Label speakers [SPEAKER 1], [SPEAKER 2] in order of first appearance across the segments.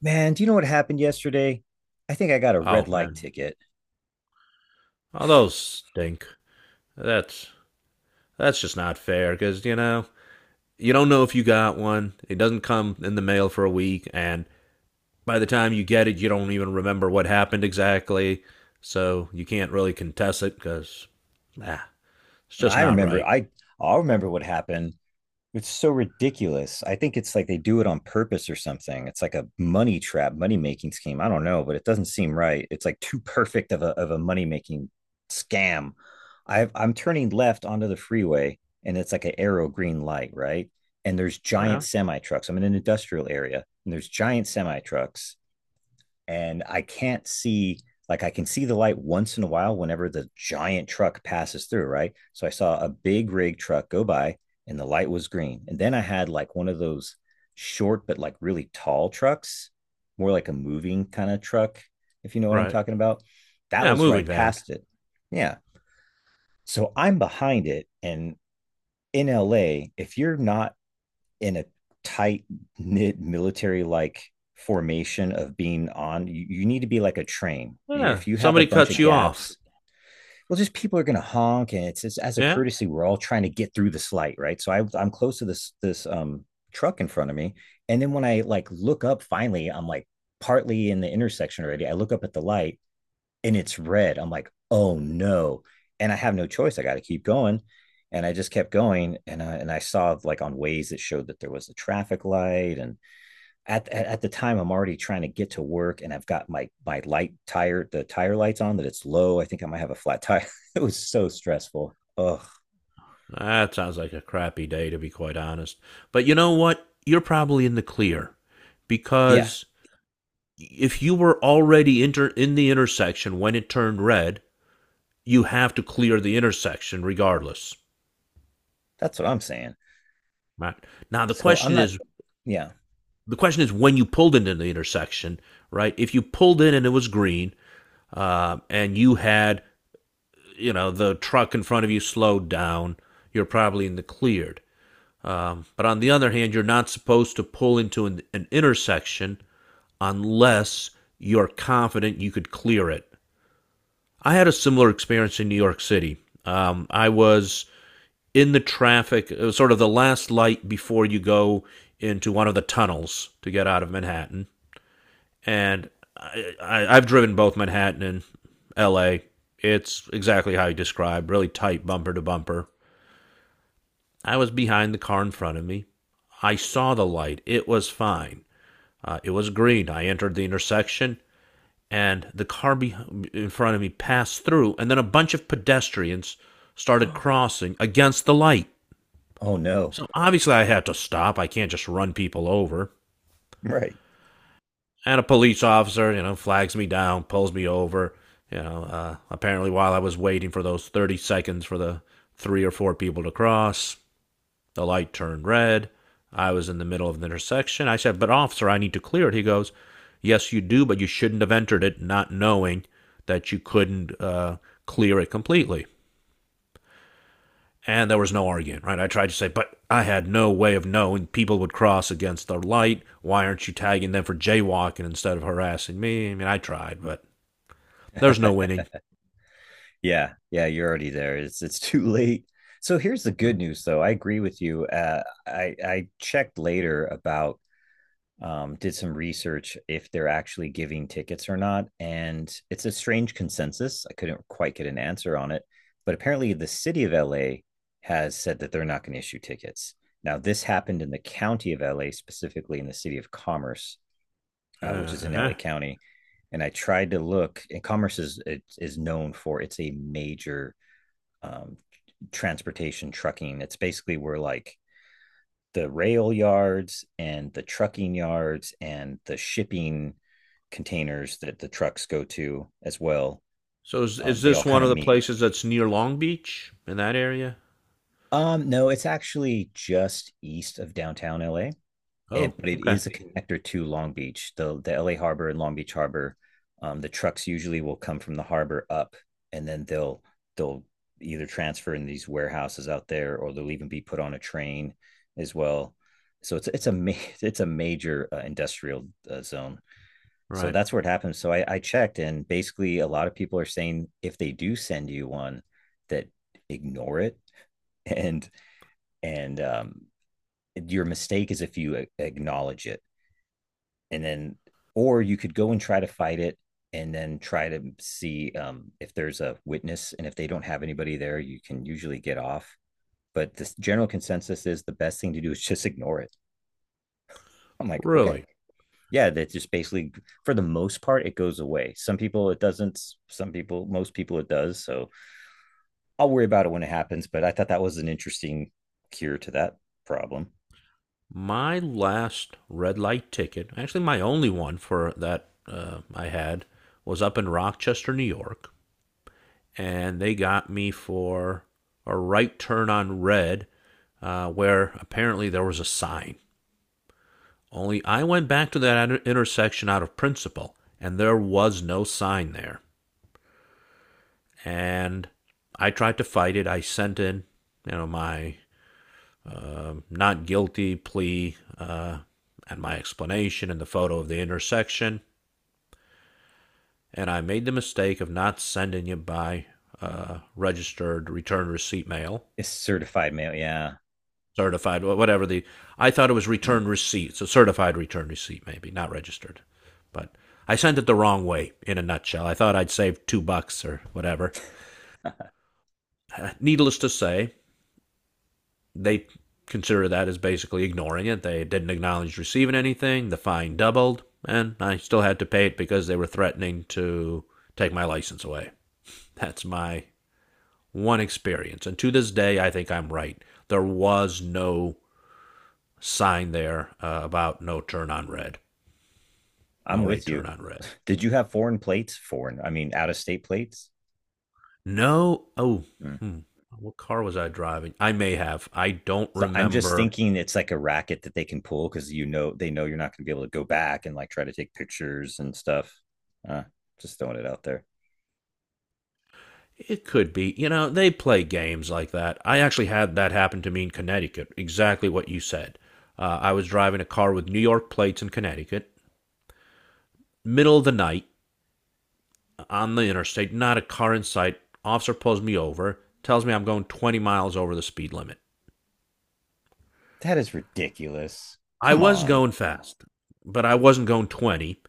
[SPEAKER 1] Man, do you know what happened yesterday? I think I got a red
[SPEAKER 2] Oh
[SPEAKER 1] light
[SPEAKER 2] man,
[SPEAKER 1] ticket.
[SPEAKER 2] oh those stink. That's that's just not fair because you know you don't know if you got one. It doesn't come in the mail for a week, and by the time you get it, you don't even remember what happened exactly. So you can't really contest it because nah, it's just
[SPEAKER 1] I
[SPEAKER 2] not
[SPEAKER 1] remember
[SPEAKER 2] right.
[SPEAKER 1] I I'll remember what happened. It's so ridiculous. I think it's like they do it on purpose or something. It's like a money trap, money making scheme. I don't know, but it doesn't seem right. It's like too perfect of a money making scam. I'm turning left onto the freeway, and it's like an arrow green light, right? And there's giant
[SPEAKER 2] Right.
[SPEAKER 1] semi trucks. I'm in an industrial area and there's giant semi trucks, and I can't see, like I can see the light once in a while whenever the giant truck passes through, right? So I saw a big rig truck go by and the light was green. And then I had like one of those short but like really tall trucks, more like a moving kind of truck, if you know what I'm
[SPEAKER 2] Right.
[SPEAKER 1] talking about. That
[SPEAKER 2] Yeah,
[SPEAKER 1] was
[SPEAKER 2] moving
[SPEAKER 1] right
[SPEAKER 2] van.
[SPEAKER 1] past it. Yeah. So I'm behind it, and in LA, if you're not in a tight knit military like formation of being on you, you need to be like a train.
[SPEAKER 2] Yeah,
[SPEAKER 1] If you have a
[SPEAKER 2] somebody
[SPEAKER 1] bunch
[SPEAKER 2] cuts
[SPEAKER 1] of
[SPEAKER 2] you off.
[SPEAKER 1] gaps, well, just people are going to honk, and it's as a
[SPEAKER 2] Yeah,
[SPEAKER 1] courtesy we're all trying to get through this light, right? So I'm close to this truck in front of me. And then when I like look up finally, I'm like partly in the intersection already. I look up at the light and it's red. I'm like, oh no. And I have no choice. I got to keep going. And I just kept going. And I saw like on ways that showed that there was a traffic light. And at the time, I'm already trying to get to work, and I've got my light tire, the tire lights on that it's low. I think I might have a flat tire. It was so stressful. Oh,
[SPEAKER 2] that sounds like a crappy day to be quite honest. But you know what? You're probably in the clear
[SPEAKER 1] yeah.
[SPEAKER 2] because if you were already in the intersection when it turned red, you have to clear the intersection regardless.
[SPEAKER 1] That's what I'm saying.
[SPEAKER 2] Right now,
[SPEAKER 1] So I'm not, yeah.
[SPEAKER 2] the question is when you pulled into the intersection, right? If you pulled in and it was green, and you had you know the truck in front of you slowed down, you're probably in the cleared. But on the other hand, you're not supposed to pull into an intersection unless you're confident you could clear it. I had a similar experience in New York City. I was in the traffic, it was sort of the last light before you go into one of the tunnels to get out of Manhattan. And I've driven both Manhattan and LA. It's exactly how you described, really tight bumper to bumper. I was behind the car in front of me. I saw the light. It was fine. It was green. I entered the intersection, and in front of me passed through, and then a bunch of pedestrians started crossing against the light.
[SPEAKER 1] Oh no.
[SPEAKER 2] So obviously, I had to stop. I can't just run people over.
[SPEAKER 1] Right.
[SPEAKER 2] And a police officer, you know, flags me down, pulls me over. You know, apparently, while I was waiting for those 30 seconds for the three or four people to cross, the light turned red. I was in the middle of the intersection. I said, "But officer, I need to clear it." He goes, "Yes, you do, but you shouldn't have entered it not knowing that you couldn't clear it completely." And there was no argument, right? I tried to say, "But I had no way of knowing people would cross against the light. Why aren't you tagging them for jaywalking instead of harassing me?" I mean, I tried, but there's no winning.
[SPEAKER 1] Yeah, yeah, you're already there. It's too late. So here's the good news, though. I agree with you. I checked later about did some research if they're actually giving tickets or not, and it's a strange consensus. I couldn't quite get an answer on it, but apparently the city of LA has said that they're not going to issue tickets. Now this happened in the county of LA, specifically in the city of Commerce, which is
[SPEAKER 2] Uh
[SPEAKER 1] in LA
[SPEAKER 2] huh.
[SPEAKER 1] County. And I tried to look, and Commerce is, it is known for, it's a major um, transportation trucking. It's basically where like the rail yards and the trucking yards and the shipping containers that the trucks go to as well.
[SPEAKER 2] So is
[SPEAKER 1] They all
[SPEAKER 2] this
[SPEAKER 1] kind
[SPEAKER 2] one
[SPEAKER 1] of
[SPEAKER 2] of the
[SPEAKER 1] meet.
[SPEAKER 2] places that's near Long Beach in that area?
[SPEAKER 1] No, it's actually just east of downtown LA. And
[SPEAKER 2] Oh,
[SPEAKER 1] but it
[SPEAKER 2] okay.
[SPEAKER 1] is a connector to Long Beach, the LA Harbor and Long Beach Harbor. The trucks usually will come from the harbor up, and then they'll either transfer in these warehouses out there, or they'll even be put on a train as well. So it's a ma- it's a major industrial zone. So
[SPEAKER 2] Right.
[SPEAKER 1] that's where it happens. So I checked, and basically a lot of people are saying if they do send you one, that ignore it, and and your mistake is if you acknowledge it, and then, or you could go and try to fight it and then try to see if there's a witness, and if they don't have anybody there you can usually get off. But the general consensus is the best thing to do is just ignore it. I'm like, okay.
[SPEAKER 2] Really?
[SPEAKER 1] Yeah, that just basically for the most part it goes away. Some people it doesn't, some people, most people it does. So I'll worry about it when it happens, but I thought that was an interesting cure to that problem.
[SPEAKER 2] My last red light ticket, actually my only one for that I had, was up in Rochester, New York, and they got me for a right turn on red, where apparently there was a sign. Only I went back to that intersection out of principle, and there was no sign there. And I tried to fight it. I sent in, you know, my not guilty plea and my explanation and the photo of the intersection, and I made the mistake of not sending you by registered return receipt mail,
[SPEAKER 1] It's certified mail, yeah.
[SPEAKER 2] certified, whatever the. I thought it was
[SPEAKER 1] Mm-hmm.
[SPEAKER 2] return receipt, so certified return receipt, maybe not registered, but I sent it the wrong way. In a nutshell, I thought I'd save $2 or whatever. Needless to say, they consider that as basically ignoring it. They didn't acknowledge receiving anything. The fine doubled, and I still had to pay it because they were threatening to take my license away. That's my one experience. And to this day, I think I'm right. There was no sign there about no turn on red, no
[SPEAKER 1] I'm with
[SPEAKER 2] right turn
[SPEAKER 1] you.
[SPEAKER 2] on red.
[SPEAKER 1] Did you have foreign plates? Foreign, I mean, out of state plates.
[SPEAKER 2] No, oh,
[SPEAKER 1] Mm.
[SPEAKER 2] hmm, what car was I driving? I may have. I don't
[SPEAKER 1] So I'm just
[SPEAKER 2] remember.
[SPEAKER 1] thinking it's like a racket that they can pull because you know they know you're not going to be able to go back and like try to take pictures and stuff. Uh, just throwing it out there.
[SPEAKER 2] It could be. You know, they play games like that. I actually had that happen to me in Connecticut, exactly what you said. I was driving a car with New York plates in Connecticut, middle of the night, on the interstate, not a car in sight. Officer pulls me over, tells me I'm going 20 miles over the speed limit.
[SPEAKER 1] That is ridiculous.
[SPEAKER 2] I
[SPEAKER 1] Come
[SPEAKER 2] was
[SPEAKER 1] on.
[SPEAKER 2] going fast, but I wasn't going 20.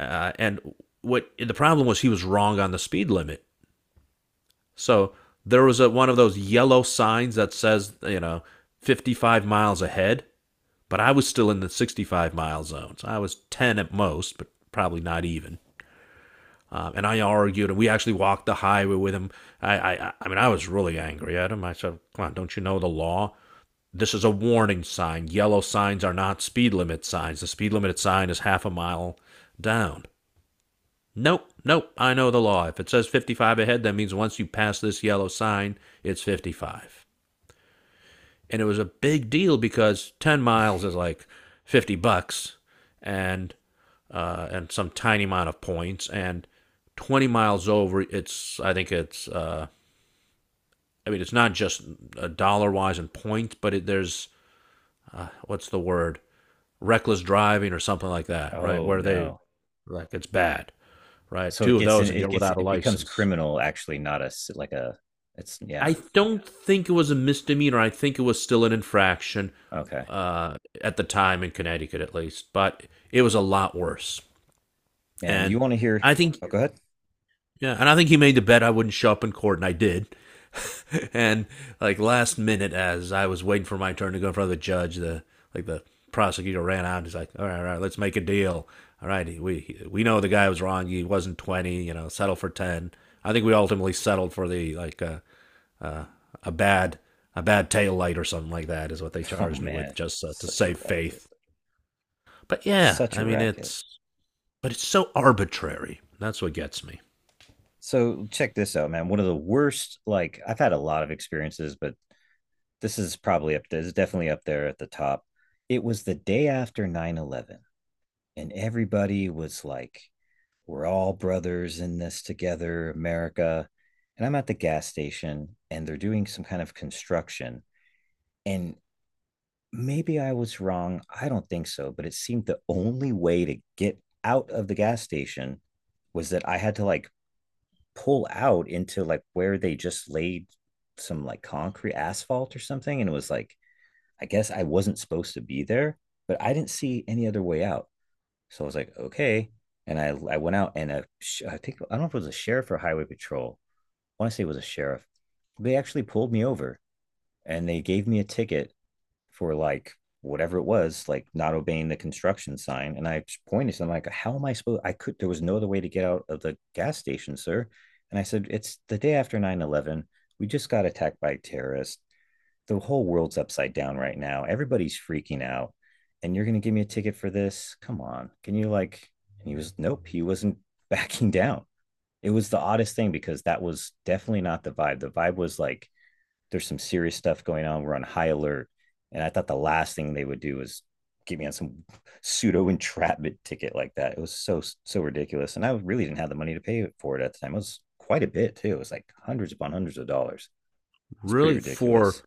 [SPEAKER 2] And what the problem was, he was wrong on the speed limit. So there was one of those yellow signs that says, you know, 55 miles ahead, but I was still in the 65-mile zone. So I was 10 at most, but probably not even. And I argued, and we actually walked the highway with him. I mean, I was really angry at him. I said, "Come on, don't you know the law? This is a warning sign. Yellow signs are not speed limit signs. The speed limit sign is half a mile down." Nope, nope. I know the law. If it says 55 ahead, that means once you pass this yellow sign, it's 55, and it was a big deal because 10 miles is like 50 bucks and and some tiny amount of points, and 20 miles over, it's I think it's I mean it's not just dollar wise in points but there's what's the word, reckless driving or something like that, right,
[SPEAKER 1] Oh
[SPEAKER 2] where they
[SPEAKER 1] no.
[SPEAKER 2] like it's bad, right?
[SPEAKER 1] So it
[SPEAKER 2] Two of
[SPEAKER 1] gets in.
[SPEAKER 2] those and
[SPEAKER 1] It
[SPEAKER 2] you're
[SPEAKER 1] gets.
[SPEAKER 2] without a
[SPEAKER 1] It becomes
[SPEAKER 2] license.
[SPEAKER 1] criminal. Actually, not a s- like a. It's, yeah.
[SPEAKER 2] I don't think it was a misdemeanor. I think it was still an infraction
[SPEAKER 1] Okay,
[SPEAKER 2] at the time in Connecticut, at least. But it was a lot worse.
[SPEAKER 1] man. You
[SPEAKER 2] And
[SPEAKER 1] want to hear?
[SPEAKER 2] I think,
[SPEAKER 1] Oh, go ahead.
[SPEAKER 2] yeah, and I think he made the bet I wouldn't show up in court, and I did. and like last minute, as I was waiting for my turn to go in front of the judge, the like the prosecutor ran out. He's like, all right, let's make a deal. All right, we know the guy was wrong. He wasn't 20. You know, settle for ten." I think we ultimately settled for the like. Uh, a bad tail light or something like that is what they
[SPEAKER 1] Oh
[SPEAKER 2] charged me
[SPEAKER 1] man,
[SPEAKER 2] with just to
[SPEAKER 1] such a
[SPEAKER 2] save
[SPEAKER 1] racket.
[SPEAKER 2] faith. But yeah,
[SPEAKER 1] Such
[SPEAKER 2] I
[SPEAKER 1] a
[SPEAKER 2] mean
[SPEAKER 1] racket.
[SPEAKER 2] it's but it's so arbitrary. That's what gets me.
[SPEAKER 1] So check this out, man. One of the worst, like I've had a lot of experiences, but this is probably up there. It's definitely up there at the top. It was the day after 9/11, and everybody was like, we're all brothers in this together, America. And I'm at the gas station and they're doing some kind of construction, and maybe I was wrong. I don't think so, but it seemed the only way to get out of the gas station was that I had to like pull out into like where they just laid some like concrete asphalt or something, and it was like I guess I wasn't supposed to be there, but I didn't see any other way out. So I was like, okay. And I went out. And a I think, I don't know if it was a sheriff or highway patrol. I want to say it was a sheriff. They actually pulled me over, and they gave me a ticket for like whatever it was, like not obeying the construction sign. And I pointed to him like, how am I supposed, I could, there was no other way to get out of the gas station, sir. And I said, it's the day after 9/11. We just got attacked by terrorists. The whole world's upside down right now. Everybody's freaking out. And you're gonna give me a ticket for this? Come on. Can you like, and he was nope, he wasn't backing down. It was the oddest thing because that was definitely not the vibe. The vibe was like there's some serious stuff going on. We're on high alert. And I thought the last thing they would do was get me on some pseudo entrapment ticket like that. It was so, so ridiculous. And I really didn't have the money to pay for it at the time. It was quite a bit too. It was like hundreds upon hundreds of dollars. It's pretty
[SPEAKER 2] Really?
[SPEAKER 1] ridiculous.
[SPEAKER 2] for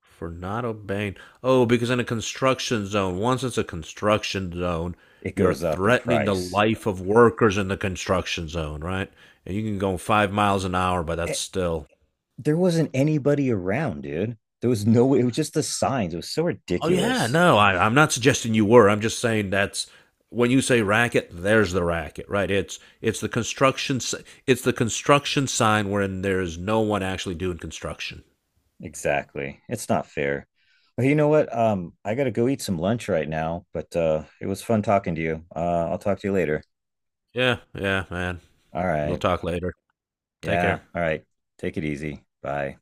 [SPEAKER 2] for not obeying. Oh, because in a construction zone, once it's a construction zone,
[SPEAKER 1] It
[SPEAKER 2] you're
[SPEAKER 1] goes up in
[SPEAKER 2] threatening the
[SPEAKER 1] price.
[SPEAKER 2] life of workers in the construction zone, right? And you can go 5 miles an hour, but that's
[SPEAKER 1] It,
[SPEAKER 2] still
[SPEAKER 1] there wasn't anybody around, dude. There was no way. It was just the signs. It was so
[SPEAKER 2] Oh yeah,
[SPEAKER 1] ridiculous.
[SPEAKER 2] no,
[SPEAKER 1] Ugh.
[SPEAKER 2] I'm not suggesting you were. I'm just saying that's when you say racket, there's the racket, right? It's the it's the construction sign wherein there's no one actually doing construction.
[SPEAKER 1] Exactly. It's not fair. Well, you know what? I gotta go eat some lunch right now, but it was fun talking to you. I'll talk to you later.
[SPEAKER 2] Yeah, yeah, man.
[SPEAKER 1] All
[SPEAKER 2] We'll
[SPEAKER 1] right.
[SPEAKER 2] talk later. Take
[SPEAKER 1] Yeah.
[SPEAKER 2] care.
[SPEAKER 1] All right. Take it easy. Bye.